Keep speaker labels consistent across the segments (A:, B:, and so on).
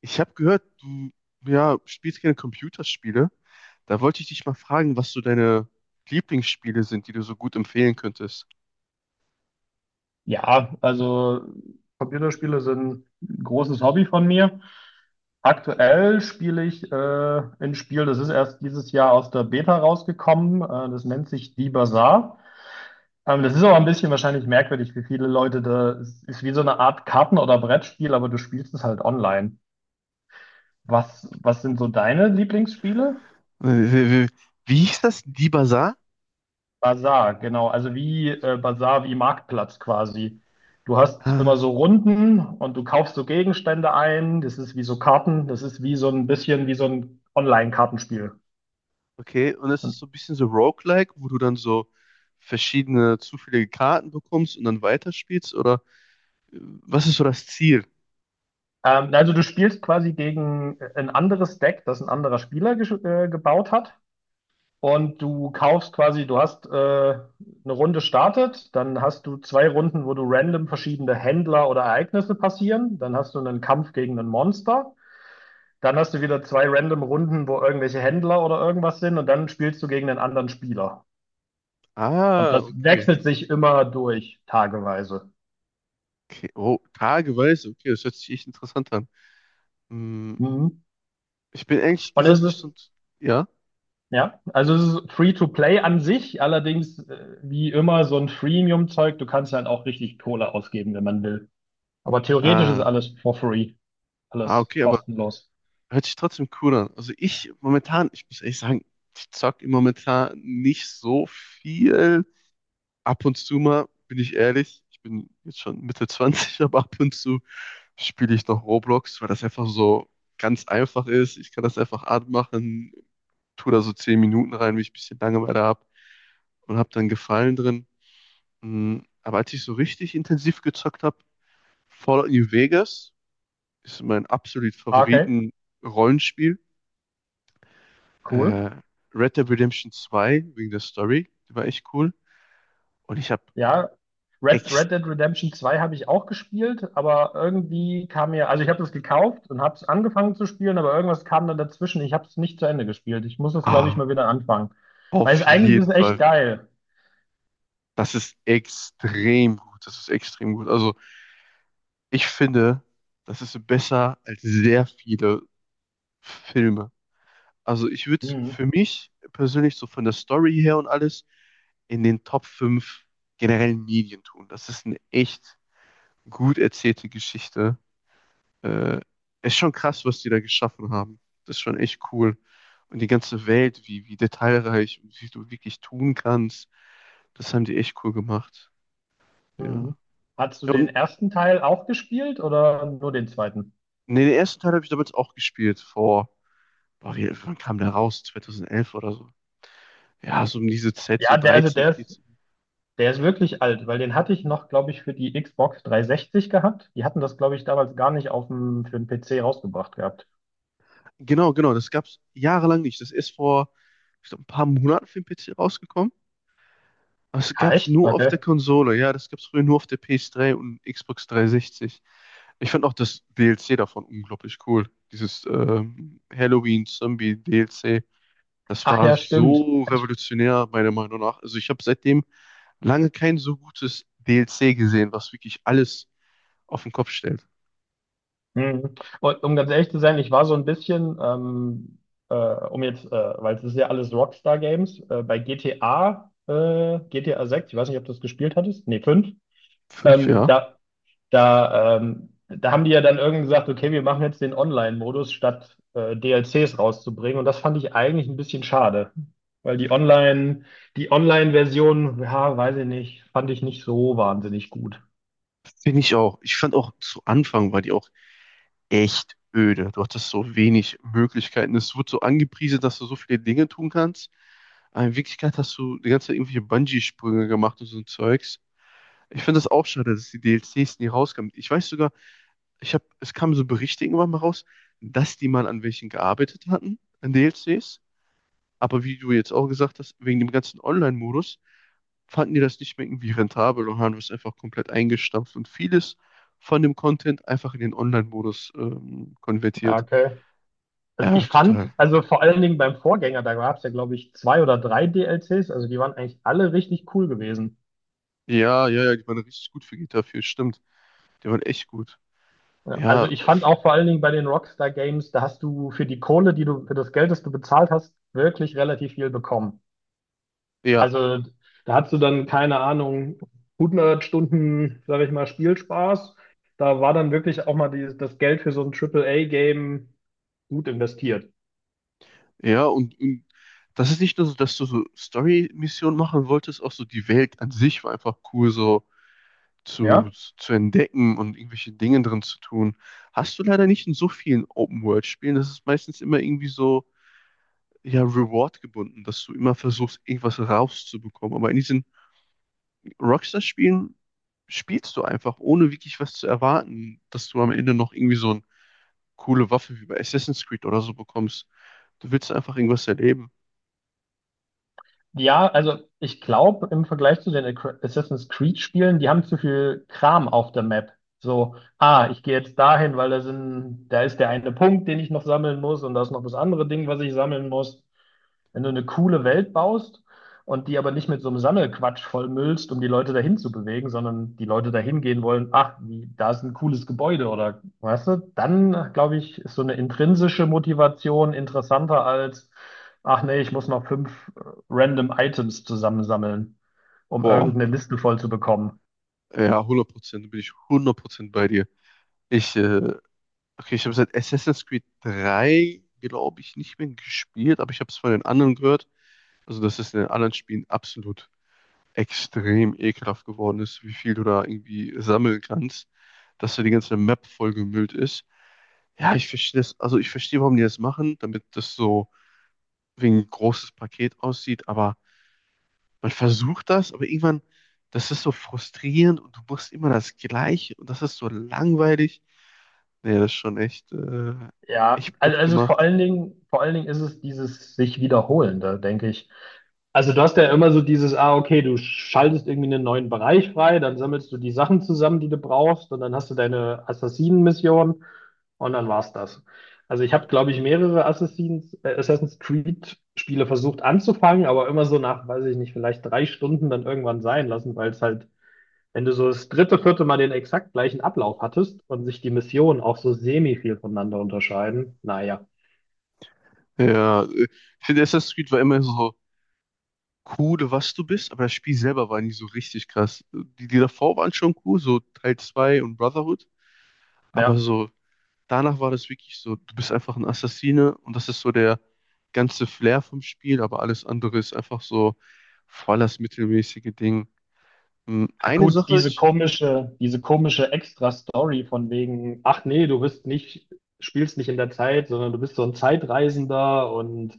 A: Ich habe gehört, du ja, spielst gerne Computerspiele. Da wollte ich dich mal fragen, was so deine Lieblingsspiele sind, die du so gut empfehlen könntest.
B: Ja, also Computerspiele sind ein großes Hobby von mir. Aktuell spiele ich ein Spiel, das ist erst dieses Jahr aus der Beta rausgekommen. Das nennt sich Die Bazaar. Das ist aber ein bisschen wahrscheinlich merkwürdig für viele Leute. Das ist wie so eine Art Karten- oder Brettspiel, aber du spielst es halt online. Was sind so deine Lieblingsspiele?
A: Äh, Wie, wie, wie hieß das? Die Bazaar?
B: Basar, genau. Also wie Basar, wie Marktplatz quasi. Du hast immer
A: Ah,
B: so Runden und du kaufst so Gegenstände ein. Das ist wie so Karten. Das ist wie so ein bisschen wie so ein Online-Kartenspiel.
A: okay. Und das
B: Und,
A: ist so ein bisschen so Roguelike, wo du dann so verschiedene zufällige Karten bekommst und dann weiterspielst? Oder was ist so das Ziel?
B: Also du spielst quasi gegen ein anderes Deck, das ein anderer Spieler gebaut hat. Und du kaufst quasi, du hast eine Runde startet, dann hast du zwei Runden, wo du random verschiedene Händler oder Ereignisse passieren. Dann hast du einen Kampf gegen ein Monster. Dann hast du wieder zwei random Runden, wo irgendwelche Händler oder irgendwas sind und dann spielst du gegen einen anderen Spieler. Und
A: Ah,
B: das
A: okay.
B: wechselt sich immer durch, tageweise.
A: Okay. Oh, tageweise. Okay, das hört sich echt interessant an. Hm,
B: Mhm.
A: ich bin ehrlich
B: Und es
A: gesagt nicht
B: ist,
A: so ein... Ja?
B: ja, also es ist Free-to-Play an sich, allerdings wie immer so ein Freemium-Zeug, du kannst dann auch richtig Kohle ausgeben, wenn man will. Aber theoretisch ist
A: Ah,
B: alles for free, alles
A: okay, aber
B: kostenlos.
A: hört sich trotzdem cool an. Also ich momentan, ich muss ehrlich sagen, ich zock im momentan nicht so viel. Ab und zu mal, bin ich ehrlich, ich bin jetzt schon Mitte 20, aber ab und zu spiele ich noch Roblox, weil das einfach so ganz einfach ist. Ich kann das einfach anmachen, tue da so 10 Minuten rein, wenn ich ein bisschen Langeweile habe und habe dann Gefallen drin. Mm, aber als ich so richtig intensiv gezockt habe, Fallout New Vegas ist mein absolut
B: Ah, okay,
A: Favoriten-Rollenspiel.
B: cool.
A: äh, Red Dead Redemption zwei wegen der Story. Die war echt cool. Und ich habe
B: Ja,
A: echt,
B: Red Dead Redemption zwei habe ich auch gespielt, aber irgendwie kam mir, also ich habe das gekauft und habe es angefangen zu spielen, aber irgendwas kam dann dazwischen. Ich habe es nicht zu Ende gespielt. Ich muss das, glaube ich,
A: ah,
B: mal wieder anfangen. Weil es
A: auf
B: eigentlich ist
A: jeden
B: es echt
A: Fall.
B: geil.
A: Das ist extrem gut. Das ist extrem gut. Also ich finde, das ist besser als sehr viele Filme. Also ich würde
B: Hm,
A: für mich persönlich so von der Story her und alles in den Top 5 generellen Medien tun. Das ist eine echt gut erzählte Geschichte Äh, Ist schon krass, was die da geschaffen haben. Das ist schon echt cool. Und die ganze Welt, wie detailreich und wie du wirklich tun kannst, das haben die echt cool gemacht. Ja.
B: hm. Hast du
A: Ja,
B: den
A: und
B: ersten Teil auch gespielt oder nur den zweiten?
A: nee, den ersten Teil habe ich damals auch gespielt, vor, wann kam der raus? 2011 oder so. Ja, so um diese Zeit, so
B: Ja,
A: 13 14.
B: der ist wirklich alt, weil den hatte ich noch, glaube ich, für die Xbox 360 gehabt. Die hatten das, glaube ich, damals gar nicht auf dem, für den PC rausgebracht gehabt.
A: Genau, genau, das gab es jahrelang nicht. Das ist vor, ich glaub, ein paar Monaten für den PC rausgekommen. Es
B: Ja,
A: gab's
B: echt?
A: nur auf
B: Okay.
A: der Konsole, ja, das gab's früher nur auf der PS3 und Xbox 360. Ich fand auch das DLC davon unglaublich cool. Dieses Halloween-Zombie-DLC. Das
B: Ach
A: war
B: ja, stimmt.
A: so revolutionär, meiner Meinung nach. Also ich habe seitdem lange kein so gutes DLC gesehen, was wirklich alles auf den Kopf stellt.
B: Mhm. Und um ganz ehrlich zu sein, ich war so ein bisschen, äh, weil es ist ja alles Rockstar Games, bei GTA, GTA 6, ich weiß nicht, ob du das gespielt hattest, nee, 5,
A: Fünf,
B: ähm,
A: ja.
B: da, da haben die ja dann irgendwie gesagt, okay, wir machen jetzt den Online-Modus, statt DLCs rauszubringen. Und das fand ich eigentlich ein bisschen schade, weil die Online-Version, ja, weiß ich nicht, fand ich nicht so wahnsinnig gut.
A: Finde ich auch. Ich fand auch zu Anfang war die auch echt öde. Du hattest so wenig Möglichkeiten. Es wird so angepriesen, dass du so viele Dinge tun kannst. Aber in Wirklichkeit hast du die ganze Zeit irgendwelche Bungee-Sprünge gemacht und so ein Zeugs. Ich finde das auch schade, dass die DLCs nie rauskamen. Ich weiß sogar, es kamen so Berichte irgendwann mal raus, dass die mal an welchen gearbeitet hatten, an DLCs. Aber wie du jetzt auch gesagt hast, wegen dem ganzen Online-Modus fanden die das nicht mehr irgendwie rentabel und haben das einfach komplett eingestampft und vieles von dem Content einfach in den Online-Modus
B: Ja,
A: konvertiert.
B: also
A: Ja,
B: ich
A: total.
B: fand, also vor allen Dingen beim Vorgänger, da gab es ja, glaube ich, zwei oder drei DLCs, also die waren eigentlich alle richtig cool gewesen.
A: Ja, ja, ja, die waren richtig gut für GTA 4, stimmt. Die waren echt gut.
B: Ja,
A: Ja,
B: also ich fand
A: f-
B: auch vor allen Dingen bei den Rockstar Games, da hast du für die Kohle, die du, für das Geld, das du bezahlt hast, wirklich relativ viel bekommen.
A: ja,
B: Also da hast du dann, keine Ahnung, hundert Stunden, sage ich mal, Spielspaß. Da war dann wirklich auch mal die, das Geld für so ein Triple A game gut investiert.
A: und das ist nicht nur so, dass du so Story-Missionen machen wolltest, auch so die Welt an sich war einfach cool, so zu,
B: Ja.
A: zu entdecken und irgendwelche Dinge drin zu tun. Hast du leider nicht in so vielen Open-World-Spielen. Das ist meistens immer irgendwie so, ja, Reward gebunden, dass du immer versuchst, irgendwas rauszubekommen. Aber in diesen Rockstar-Spielen spielst du einfach, ohne wirklich was zu erwarten, dass du am Ende noch irgendwie so eine coole Waffe wie bei Assassin's Creed oder so bekommst. Du willst einfach irgendwas erleben.
B: Ja, also ich glaube, im Vergleich zu den Assassin's Creed-Spielen, die haben zu viel Kram auf der Map. So, ah, ich gehe jetzt dahin, weil da sind, da ist der eine Punkt, den ich noch sammeln muss und da ist noch das andere Ding, was ich sammeln muss. Wenn du eine coole Welt baust und die aber nicht mit so einem Sammelquatsch vollmüllst, um die Leute dahin zu bewegen, sondern die Leute dahin gehen wollen, ach, wie, da ist ein cooles Gebäude oder weißt du, dann glaube ich, ist so eine intrinsische Motivation interessanter als, ach nee, ich muss noch fünf random Items zusammensammeln, um
A: Boah,
B: irgendeine Liste voll zu bekommen.
A: ja, 100%, bin ich 100% bei dir. Ich, äh, okay, ich habe seit Assassin's Creed 3 glaube ich, nicht mehr gespielt, aber ich habe es von den anderen gehört. Also, dass es in den anderen Spielen absolut extrem ekelhaft geworden ist, wie viel du da irgendwie sammeln kannst, dass da die ganze Map vollgemüllt ist. Ja, ich verstehe das. Also ich verstehe, warum die das machen, damit das so wie ein großes Paket aussieht. Aber man versucht das, aber irgendwann, das ist so frustrierend und du machst immer das Gleiche und das ist so langweilig. Nee, das ist schon
B: Ja,
A: echt blöd
B: also
A: gemacht.
B: vor allen Dingen ist es dieses sich wiederholende, denke ich. Also du hast ja immer so dieses, ah, okay, du schaltest irgendwie einen neuen Bereich frei, dann sammelst du die Sachen zusammen, die du brauchst, und dann hast du deine Assassinen-Mission und dann war's das. Also ich habe, glaube ich, mehrere Assassin's Creed-Spiele versucht anzufangen, aber immer so nach, weiß ich nicht, vielleicht drei Stunden dann irgendwann sein lassen, weil es halt wenn du so das dritte, vierte Mal den exakt gleichen Ablauf hattest und sich die Missionen auch so semi viel voneinander unterscheiden, naja.
A: Ja, äh, ich finde, Assassin's Creed war immer so cool, was du bist, aber das Spiel selber war nie so richtig krass. Die davor waren schon cool, so Teil 2 und Brotherhood, aber
B: Ja,
A: so danach war das wirklich so, du bist einfach ein Assassine und das ist so der ganze Flair vom Spiel, aber alles andere ist einfach so voll das mittelmäßige Ding. Hm, Eine
B: gut,
A: Sache, ich,
B: diese komische Extra-Story von wegen, ach nee, du bist nicht, spielst nicht in der Zeit, sondern du bist so ein Zeitreisender und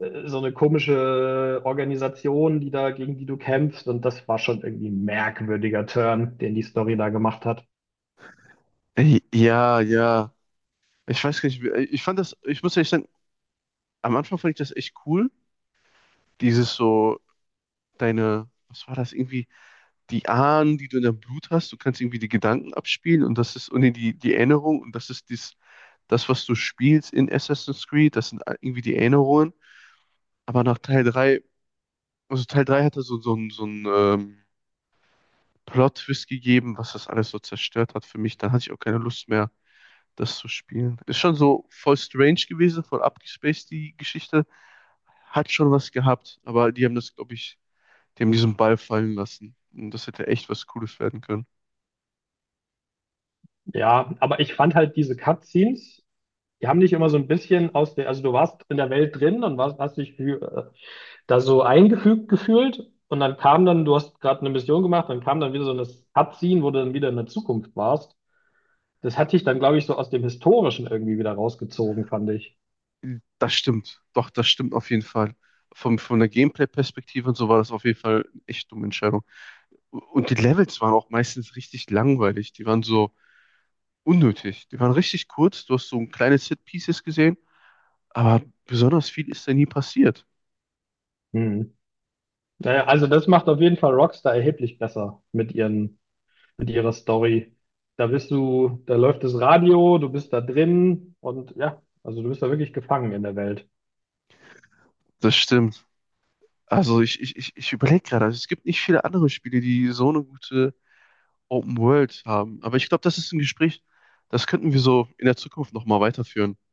B: so eine komische Organisation, die da, gegen die du kämpfst. Und das war schon irgendwie ein merkwürdiger Turn, den die Story da gemacht hat.
A: ja, ich weiß gar nicht, ich fand das, ich muss ehrlich sagen, am Anfang fand ich das echt cool, dieses so, deine, was war das, irgendwie die Ahnen, die du in deinem Blut hast, du kannst irgendwie die Gedanken abspielen und das ist, und nee, die Erinnerung und das ist dies, das, was du spielst in Assassin's Creed, das sind irgendwie die Erinnerungen. Aber nach Teil 3 also Teil 3 hatte so, so einen Plot-Twist gegeben, was das alles so zerstört hat für mich. Dann hatte ich auch keine Lust mehr, das zu spielen. Ist schon so voll strange gewesen, voll abgespaced, die Geschichte. Hat schon was gehabt, aber die haben das, glaube ich, die haben diesen Ball fallen lassen. Und das hätte echt was Cooles werden können.
B: Ja, aber ich fand halt diese Cutscenes. Die haben dich immer so ein bisschen aus der, also du warst in der Welt drin und warst, hast dich für, da so eingefügt gefühlt und dann kam dann, du hast gerade eine Mission gemacht, dann kam dann wieder so ein Abziehen, wo du dann wieder in der Zukunft warst. Das hat dich dann, glaube ich, so aus dem Historischen irgendwie wieder rausgezogen, fand ich.
A: Das stimmt. Doch, das stimmt auf jeden Fall. Von der Gameplay-Perspektive und so war das auf jeden Fall eine echt dumme Entscheidung. Und die Levels waren auch meistens richtig langweilig. Die waren so unnötig. Die waren richtig kurz. Du hast so ein kleines Set-Pieces gesehen, aber besonders viel ist da nie passiert.
B: Hm. Naja, also das macht auf jeden Fall Rockstar erheblich besser mit ihren, mit ihrer Story. Da bist du, da läuft das Radio, du bist da drin und ja, also du bist da wirklich gefangen in der Welt.
A: Das stimmt. Also ich überlege gerade, also es gibt nicht viele andere Spiele, die so eine gute Open World haben. Aber ich glaube, das ist ein Gespräch, das könnten wir so in der Zukunft nochmal weiterführen.